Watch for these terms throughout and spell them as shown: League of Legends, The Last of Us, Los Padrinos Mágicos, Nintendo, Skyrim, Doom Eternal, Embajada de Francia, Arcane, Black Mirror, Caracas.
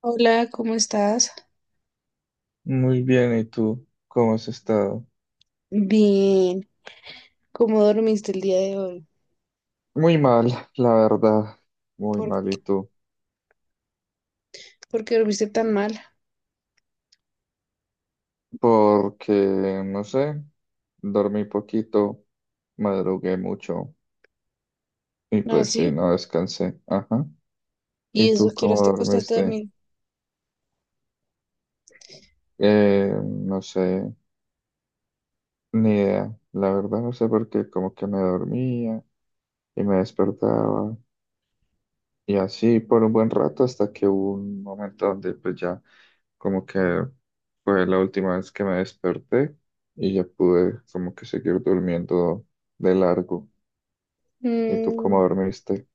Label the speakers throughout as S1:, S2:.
S1: Hola, ¿cómo estás?
S2: Muy bien, ¿y tú? ¿Cómo has estado?
S1: Bien, ¿cómo dormiste el día de hoy?
S2: Muy mal, la verdad, muy
S1: ¿Por,
S2: mal, ¿y tú?
S1: ¿Por qué dormiste tan mal?
S2: Porque, no sé, dormí poquito, madrugué mucho y
S1: ¿Ah,
S2: pues sí,
S1: sí?
S2: no descansé. Ajá.
S1: ¿Y
S2: ¿Y
S1: eso
S2: tú
S1: que horas
S2: cómo
S1: te acostaste a
S2: dormiste?
S1: dormir?
S2: No sé, ni idea, la verdad no sé por qué, como que me dormía y me despertaba. Y así por un buen rato hasta que hubo un momento donde pues ya como que fue la última vez que me desperté y ya pude como que seguir durmiendo de largo. ¿Y tú
S1: Mm,
S2: cómo dormiste?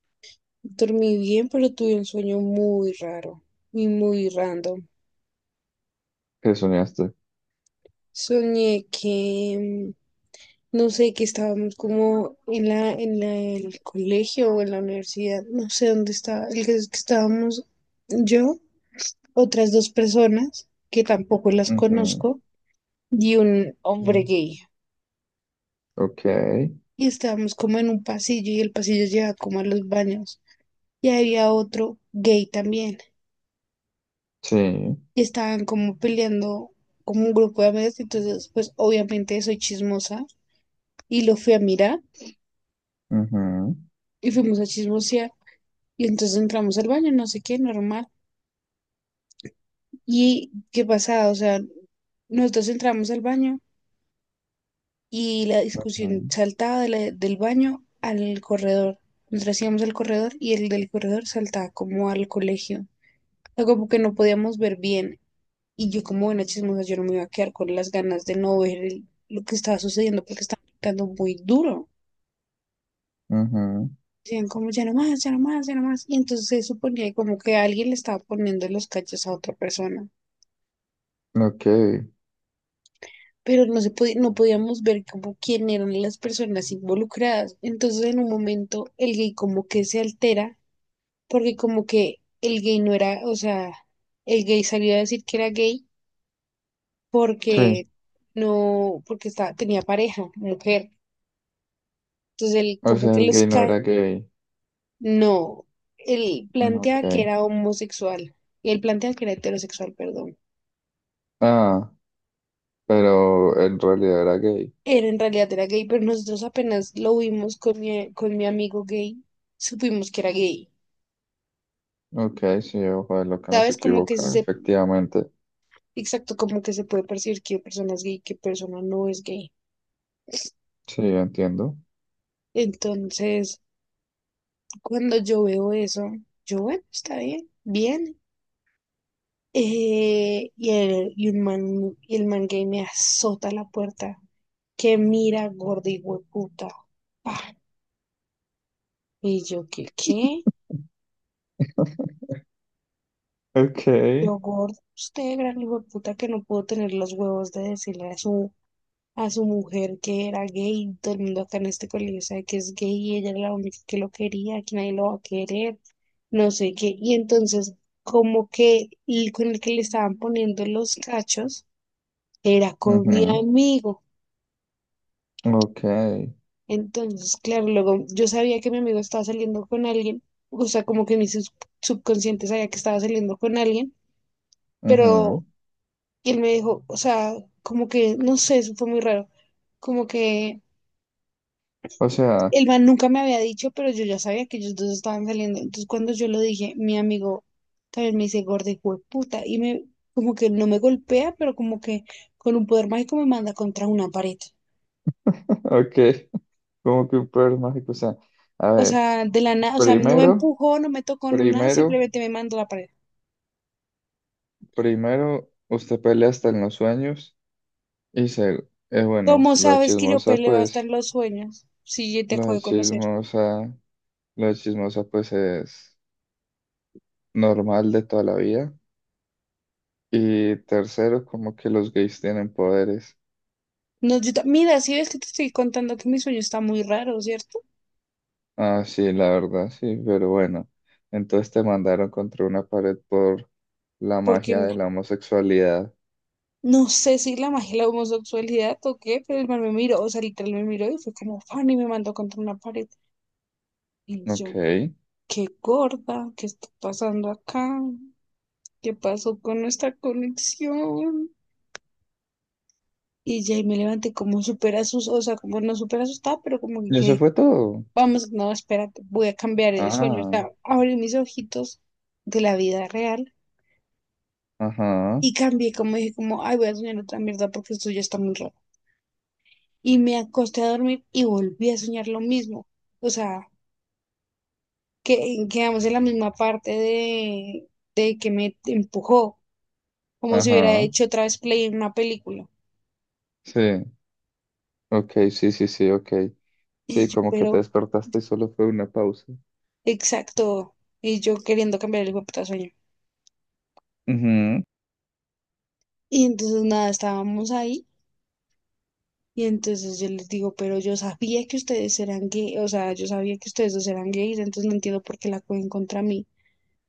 S1: dormí bien, pero tuve un sueño muy raro y muy random.
S2: ¿Qué soñaste?
S1: Soñé que, no sé, que estábamos como en el colegio o en la universidad, no sé dónde estaba, el que, es que estábamos yo, otras dos personas que tampoco las
S2: Ujú.
S1: conozco y un
S2: Sí.
S1: hombre gay.
S2: Ok.
S1: Y estábamos como en un pasillo y el pasillo lleva como a los baños. Y había otro gay también.
S2: Sí.
S1: Y estaban como peleando como un grupo de amigas. Entonces, pues obviamente soy chismosa y lo fui a mirar
S2: Ujú,
S1: y fuimos a chismosear. Y entonces entramos al baño, no sé qué, normal. ¿Y qué pasaba? O sea, nosotros entramos al baño y la discusión
S2: ujú,
S1: saltaba del baño al corredor. Nosotros íbamos al corredor y el del corredor saltaba como al colegio. Sea, como que no podíamos ver bien. Y yo como buena chismosa, yo no me iba a quedar con las ganas de no ver lo que estaba sucediendo porque estaba picando muy duro. Decían como, ya no más, ya no más, ya no más. Y entonces se suponía como que alguien le estaba poniendo los cachos a otra persona.
S2: ujú. Ok.
S1: Pero no se podía, no podíamos ver como quién eran las personas involucradas. Entonces en un momento el gay como que se altera porque como que el gay no era, o sea, el gay salió a decir que era gay porque
S2: Sí.
S1: no, porque estaba, tenía pareja, mujer. Entonces él
S2: O
S1: como
S2: sea,
S1: que
S2: el
S1: los
S2: gay no
S1: cae.
S2: era gay.
S1: No, él
S2: Mm, ok.
S1: planteaba que era homosexual. Y él planteaba que era heterosexual, perdón.
S2: Ah, pero en realidad era gay.
S1: Era en realidad era gay, pero nosotros apenas lo vimos con mi amigo gay, supimos que era gay.
S2: Ok, sí, ojo de lo que no se
S1: ¿Sabes? Como
S2: equivoca, efectivamente.
S1: exacto, como que se puede percibir qué persona es gay, qué persona no es gay.
S2: Sí, entiendo.
S1: Entonces, cuando yo veo eso, yo, bueno, está bien, bien. Y un man, y el man gay me azota la puerta. Que mira, gorda y hueputa. Pa. Y yo, ¿qué, qué?
S2: Ok.
S1: Yo, gordo, usted, gran puta que no pudo tener los huevos de decirle a a su mujer que era gay. Todo el mundo acá en este colegio sabe que es gay y ella era la única que lo quería, que nadie lo va a querer, no sé qué. Y entonces, como que el con el que le estaban poniendo los cachos era con mi
S2: Ujú,
S1: amigo.
S2: ok.
S1: Entonces, claro, luego yo sabía que mi amigo estaba saliendo con alguien, o sea, como que mi subconsciente sabía que estaba saliendo con alguien, pero
S2: Ujú.
S1: él me dijo, o sea, como que, no sé, eso fue muy raro, como que
S2: O sea,
S1: el man nunca me había dicho, pero yo ya sabía que ellos dos estaban saliendo. Entonces, cuando yo lo dije, mi amigo también me dice, gorda, hijo de puta, y me, como que no me golpea, pero como que con un poder mágico me manda contra una pared.
S2: ok, como que un poder mágico. O sea, a
S1: O
S2: ver,
S1: sea, de la nada, o sea, no me
S2: primero,
S1: empujó, no me tocó, no nada,
S2: primero,
S1: simplemente me mandó a la pared.
S2: primero, usted pelea hasta en los sueños y se, bueno,
S1: ¿Cómo sabes que yo peleo hasta en los sueños? Si yo te acabo
S2: lo
S1: de conocer.
S2: chismosa, lo chismosa, pues, es normal de toda la vida. Y tercero, como que los gays tienen poderes.
S1: No, mira, si ves que te estoy contando que mi sueño está muy raro, ¿cierto?
S2: Ah, sí, la verdad, sí, pero bueno. Entonces te mandaron contra una pared por la
S1: Porque
S2: magia
S1: n-
S2: de la homosexualidad.
S1: no sé si la magia y la homosexualidad o qué, pero el man me miró, o sea, literal me miró y fue como fan y me mandó contra una pared. Y
S2: Ok.
S1: yo, qué gorda, ¿qué está pasando acá? ¿Qué pasó con nuestra conexión? Y ya y me levanté como súper asustada, o sea, como no súper asustada, pero como que
S2: ¿Y eso
S1: quedé.
S2: fue todo?
S1: Vamos, no, espérate, voy a cambiar el sueño. O
S2: Ah,
S1: sea, abrí mis ojitos de la vida real
S2: ajá,
S1: y cambié, como dije, como, ay, voy a soñar otra mierda porque esto ya está muy raro. Y me acosté a dormir y volví a soñar lo mismo. O sea, que quedamos en la misma parte de que me empujó, como si hubiera
S2: ajá.
S1: hecho otra vez play en una película.
S2: Sí, ok, sí, sí, sí, ok.
S1: Y
S2: Sí,
S1: yo,
S2: como que te
S1: pero,
S2: despertaste y solo fue una pausa.
S1: exacto, y yo queriendo cambiar el hijo sueño.
S2: Ujú.
S1: Y entonces nada, estábamos ahí. Y entonces yo les digo, pero yo sabía que ustedes eran gay, o sea, yo sabía que ustedes dos eran gays, entonces no entiendo por qué la cogen contra mí.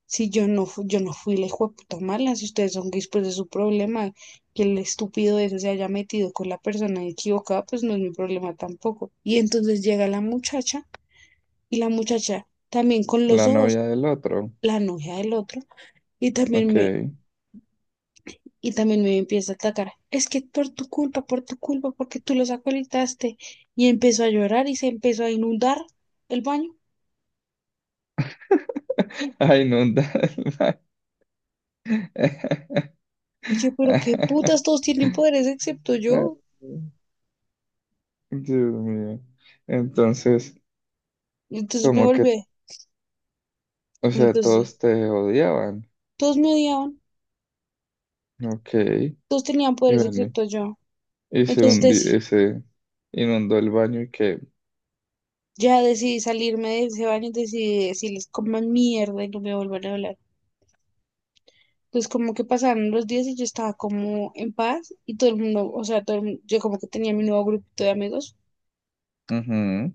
S1: Si yo no, yo no fui la hijueputa mala, si ustedes son gays, pues es su problema. Que el estúpido ese se haya metido con la persona equivocada, pues no es mi problema tampoco. Y entonces llega la muchacha, y la muchacha también con los
S2: La
S1: ojos,
S2: novia del otro.
S1: la novia del otro, y también
S2: Ok.
S1: me, y también me empieza a atacar. Es que por tu culpa, porque tú los acolitaste. Y empezó a llorar y se empezó a inundar el baño.
S2: Ay, no.
S1: Y yo, pero qué putas, todos tienen poderes excepto yo.
S2: Dios mío. Entonces,
S1: Y entonces me
S2: como que,
S1: volví.
S2: o sea,
S1: Entonces,
S2: todos te odiaban.
S1: todos me odiaban,
S2: Ok.
S1: todos tenían
S2: Y
S1: poderes
S2: bueno,
S1: excepto yo. Entonces, deci-
S2: y se inundó el baño y que.
S1: ya decidí salirme de ese baño y decidí decirles coman mierda y no me vuelvan a hablar. Entonces, como que pasaron los días y yo estaba como en paz y todo el mundo, o sea, todo el mundo- yo como que tenía mi nuevo grupito de amigos.
S2: Ujú.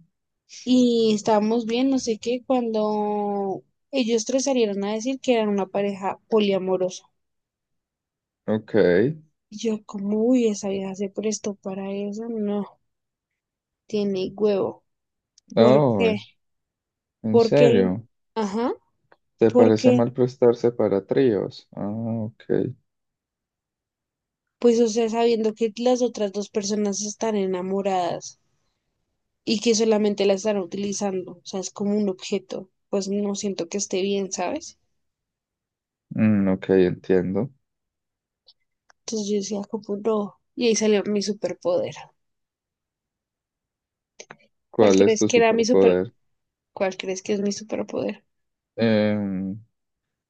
S1: Y estábamos bien, no sé qué, cuando ellos tres salieron a decir que eran una pareja poliamorosa.
S2: Ok.
S1: Y yo como, uy, esa vieja se prestó para eso, no, tiene huevo. ¿Por
S2: Oh,
S1: qué?
S2: ¿en
S1: Porque el,
S2: serio?
S1: ajá,
S2: ¿Te parece
S1: porque,
S2: mal prestarse para tríos? Ah, ok.
S1: pues, o sea, sabiendo que las otras dos personas están enamoradas y que solamente la están utilizando, o sea, es como un objeto, pues no siento que esté bien, ¿sabes?
S2: Mm, ok, entiendo.
S1: Entonces yo decía como, no, y ahí salió mi superpoder. ¿Cuál
S2: ¿Cuál es
S1: crees
S2: tu
S1: que era mi superpoder?
S2: superpoder?
S1: ¿Cuál crees que es mi superpoder?
S2: Em,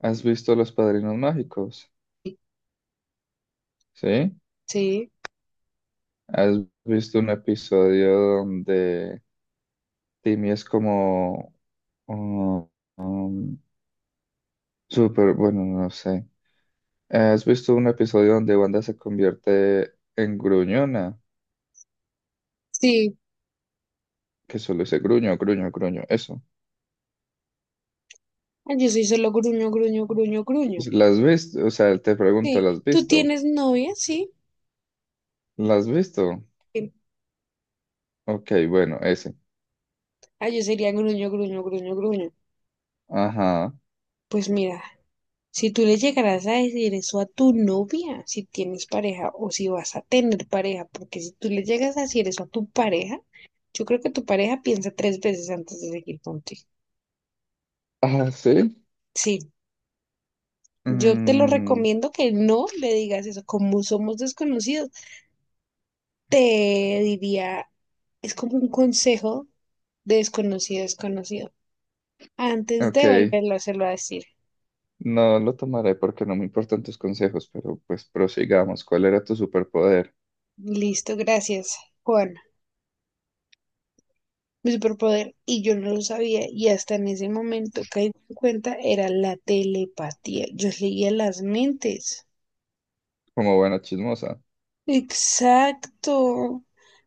S2: ¿Has visto Los Padrinos Mágicos? ¿Sí?
S1: Sí,
S2: ¿Has visto un episodio donde Timmy es como... um, um, súper, bueno, no sé. Ah, ¿has visto un episodio donde Wanda se convierte en gruñona?
S1: sí.
S2: Que solo dice gruño, gruño, gruño. Eso.
S1: Ah, yo soy solo gruño, gruño, gruño, gruño.
S2: ¿Las has visto? O sea, te pregunto,
S1: Sí.
S2: ¿las has
S1: ¿Tú
S2: visto?
S1: tienes novia? Sí.
S2: ¿Las has visto?
S1: Sí.
S2: Ok, bueno, ese.
S1: Ah, yo sería gruño, gruño, gruño, gruño.
S2: Ajá.
S1: Pues mira, si tú le llegarás a decir eso a tu novia, si tienes pareja o si vas a tener pareja, porque si tú le llegas a decir eso a tu pareja, yo creo que tu pareja piensa tres veces antes de seguir contigo.
S2: Ah, ¿sí?
S1: Sí. Yo te lo
S2: Mm,
S1: recomiendo que no le digas eso. Como somos desconocidos, te diría, es como un consejo de desconocido a desconocido. Antes
S2: ok.
S1: de volverlo a hacerlo a decir.
S2: No lo tomaré porque no me importan tus consejos, pero pues prosigamos. ¿Cuál era tu superpoder?
S1: Listo, gracias, Juan. Mi superpoder, y yo no lo sabía, y hasta en ese momento caí en cuenta, era la telepatía. Yo leía las mentes.
S2: Como buena chismosa.
S1: Exacto.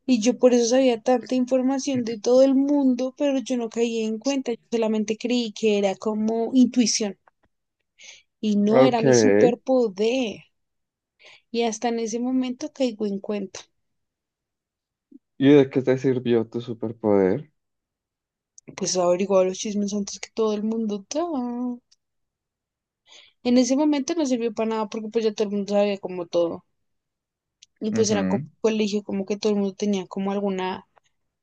S1: Y yo por eso sabía tanta información de todo el mundo, pero yo no caí en cuenta. Yo solamente creí que era como intuición, y no era
S2: Ok.
S1: mi superpoder. Y hasta en ese momento caigo en cuenta.
S2: ¿Y de qué te sirvió tu superpoder?
S1: Pues averiguaba los chismes antes que todo el mundo. Ta. En ese momento no sirvió para nada porque pues ya todo el mundo sabía como todo. Y pues era como
S2: Ujú.
S1: un colegio, como que todo el mundo tenía como alguna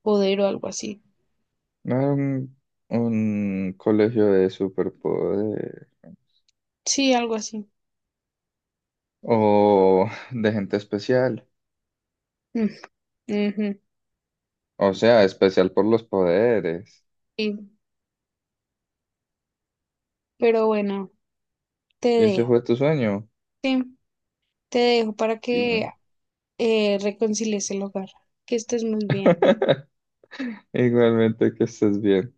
S1: poder o algo así.
S2: No era un colegio de superpoderes
S1: Sí, algo así.
S2: o de gente especial,
S1: Mm, ujú,
S2: o sea, especial por los poderes.
S1: sí. Pero bueno, te
S2: Y ese
S1: dejo.
S2: fue tu sueño.
S1: Sí, te dejo para
S2: Y
S1: que reconcilies el hogar. Que estés muy bien.
S2: igualmente que estés bien.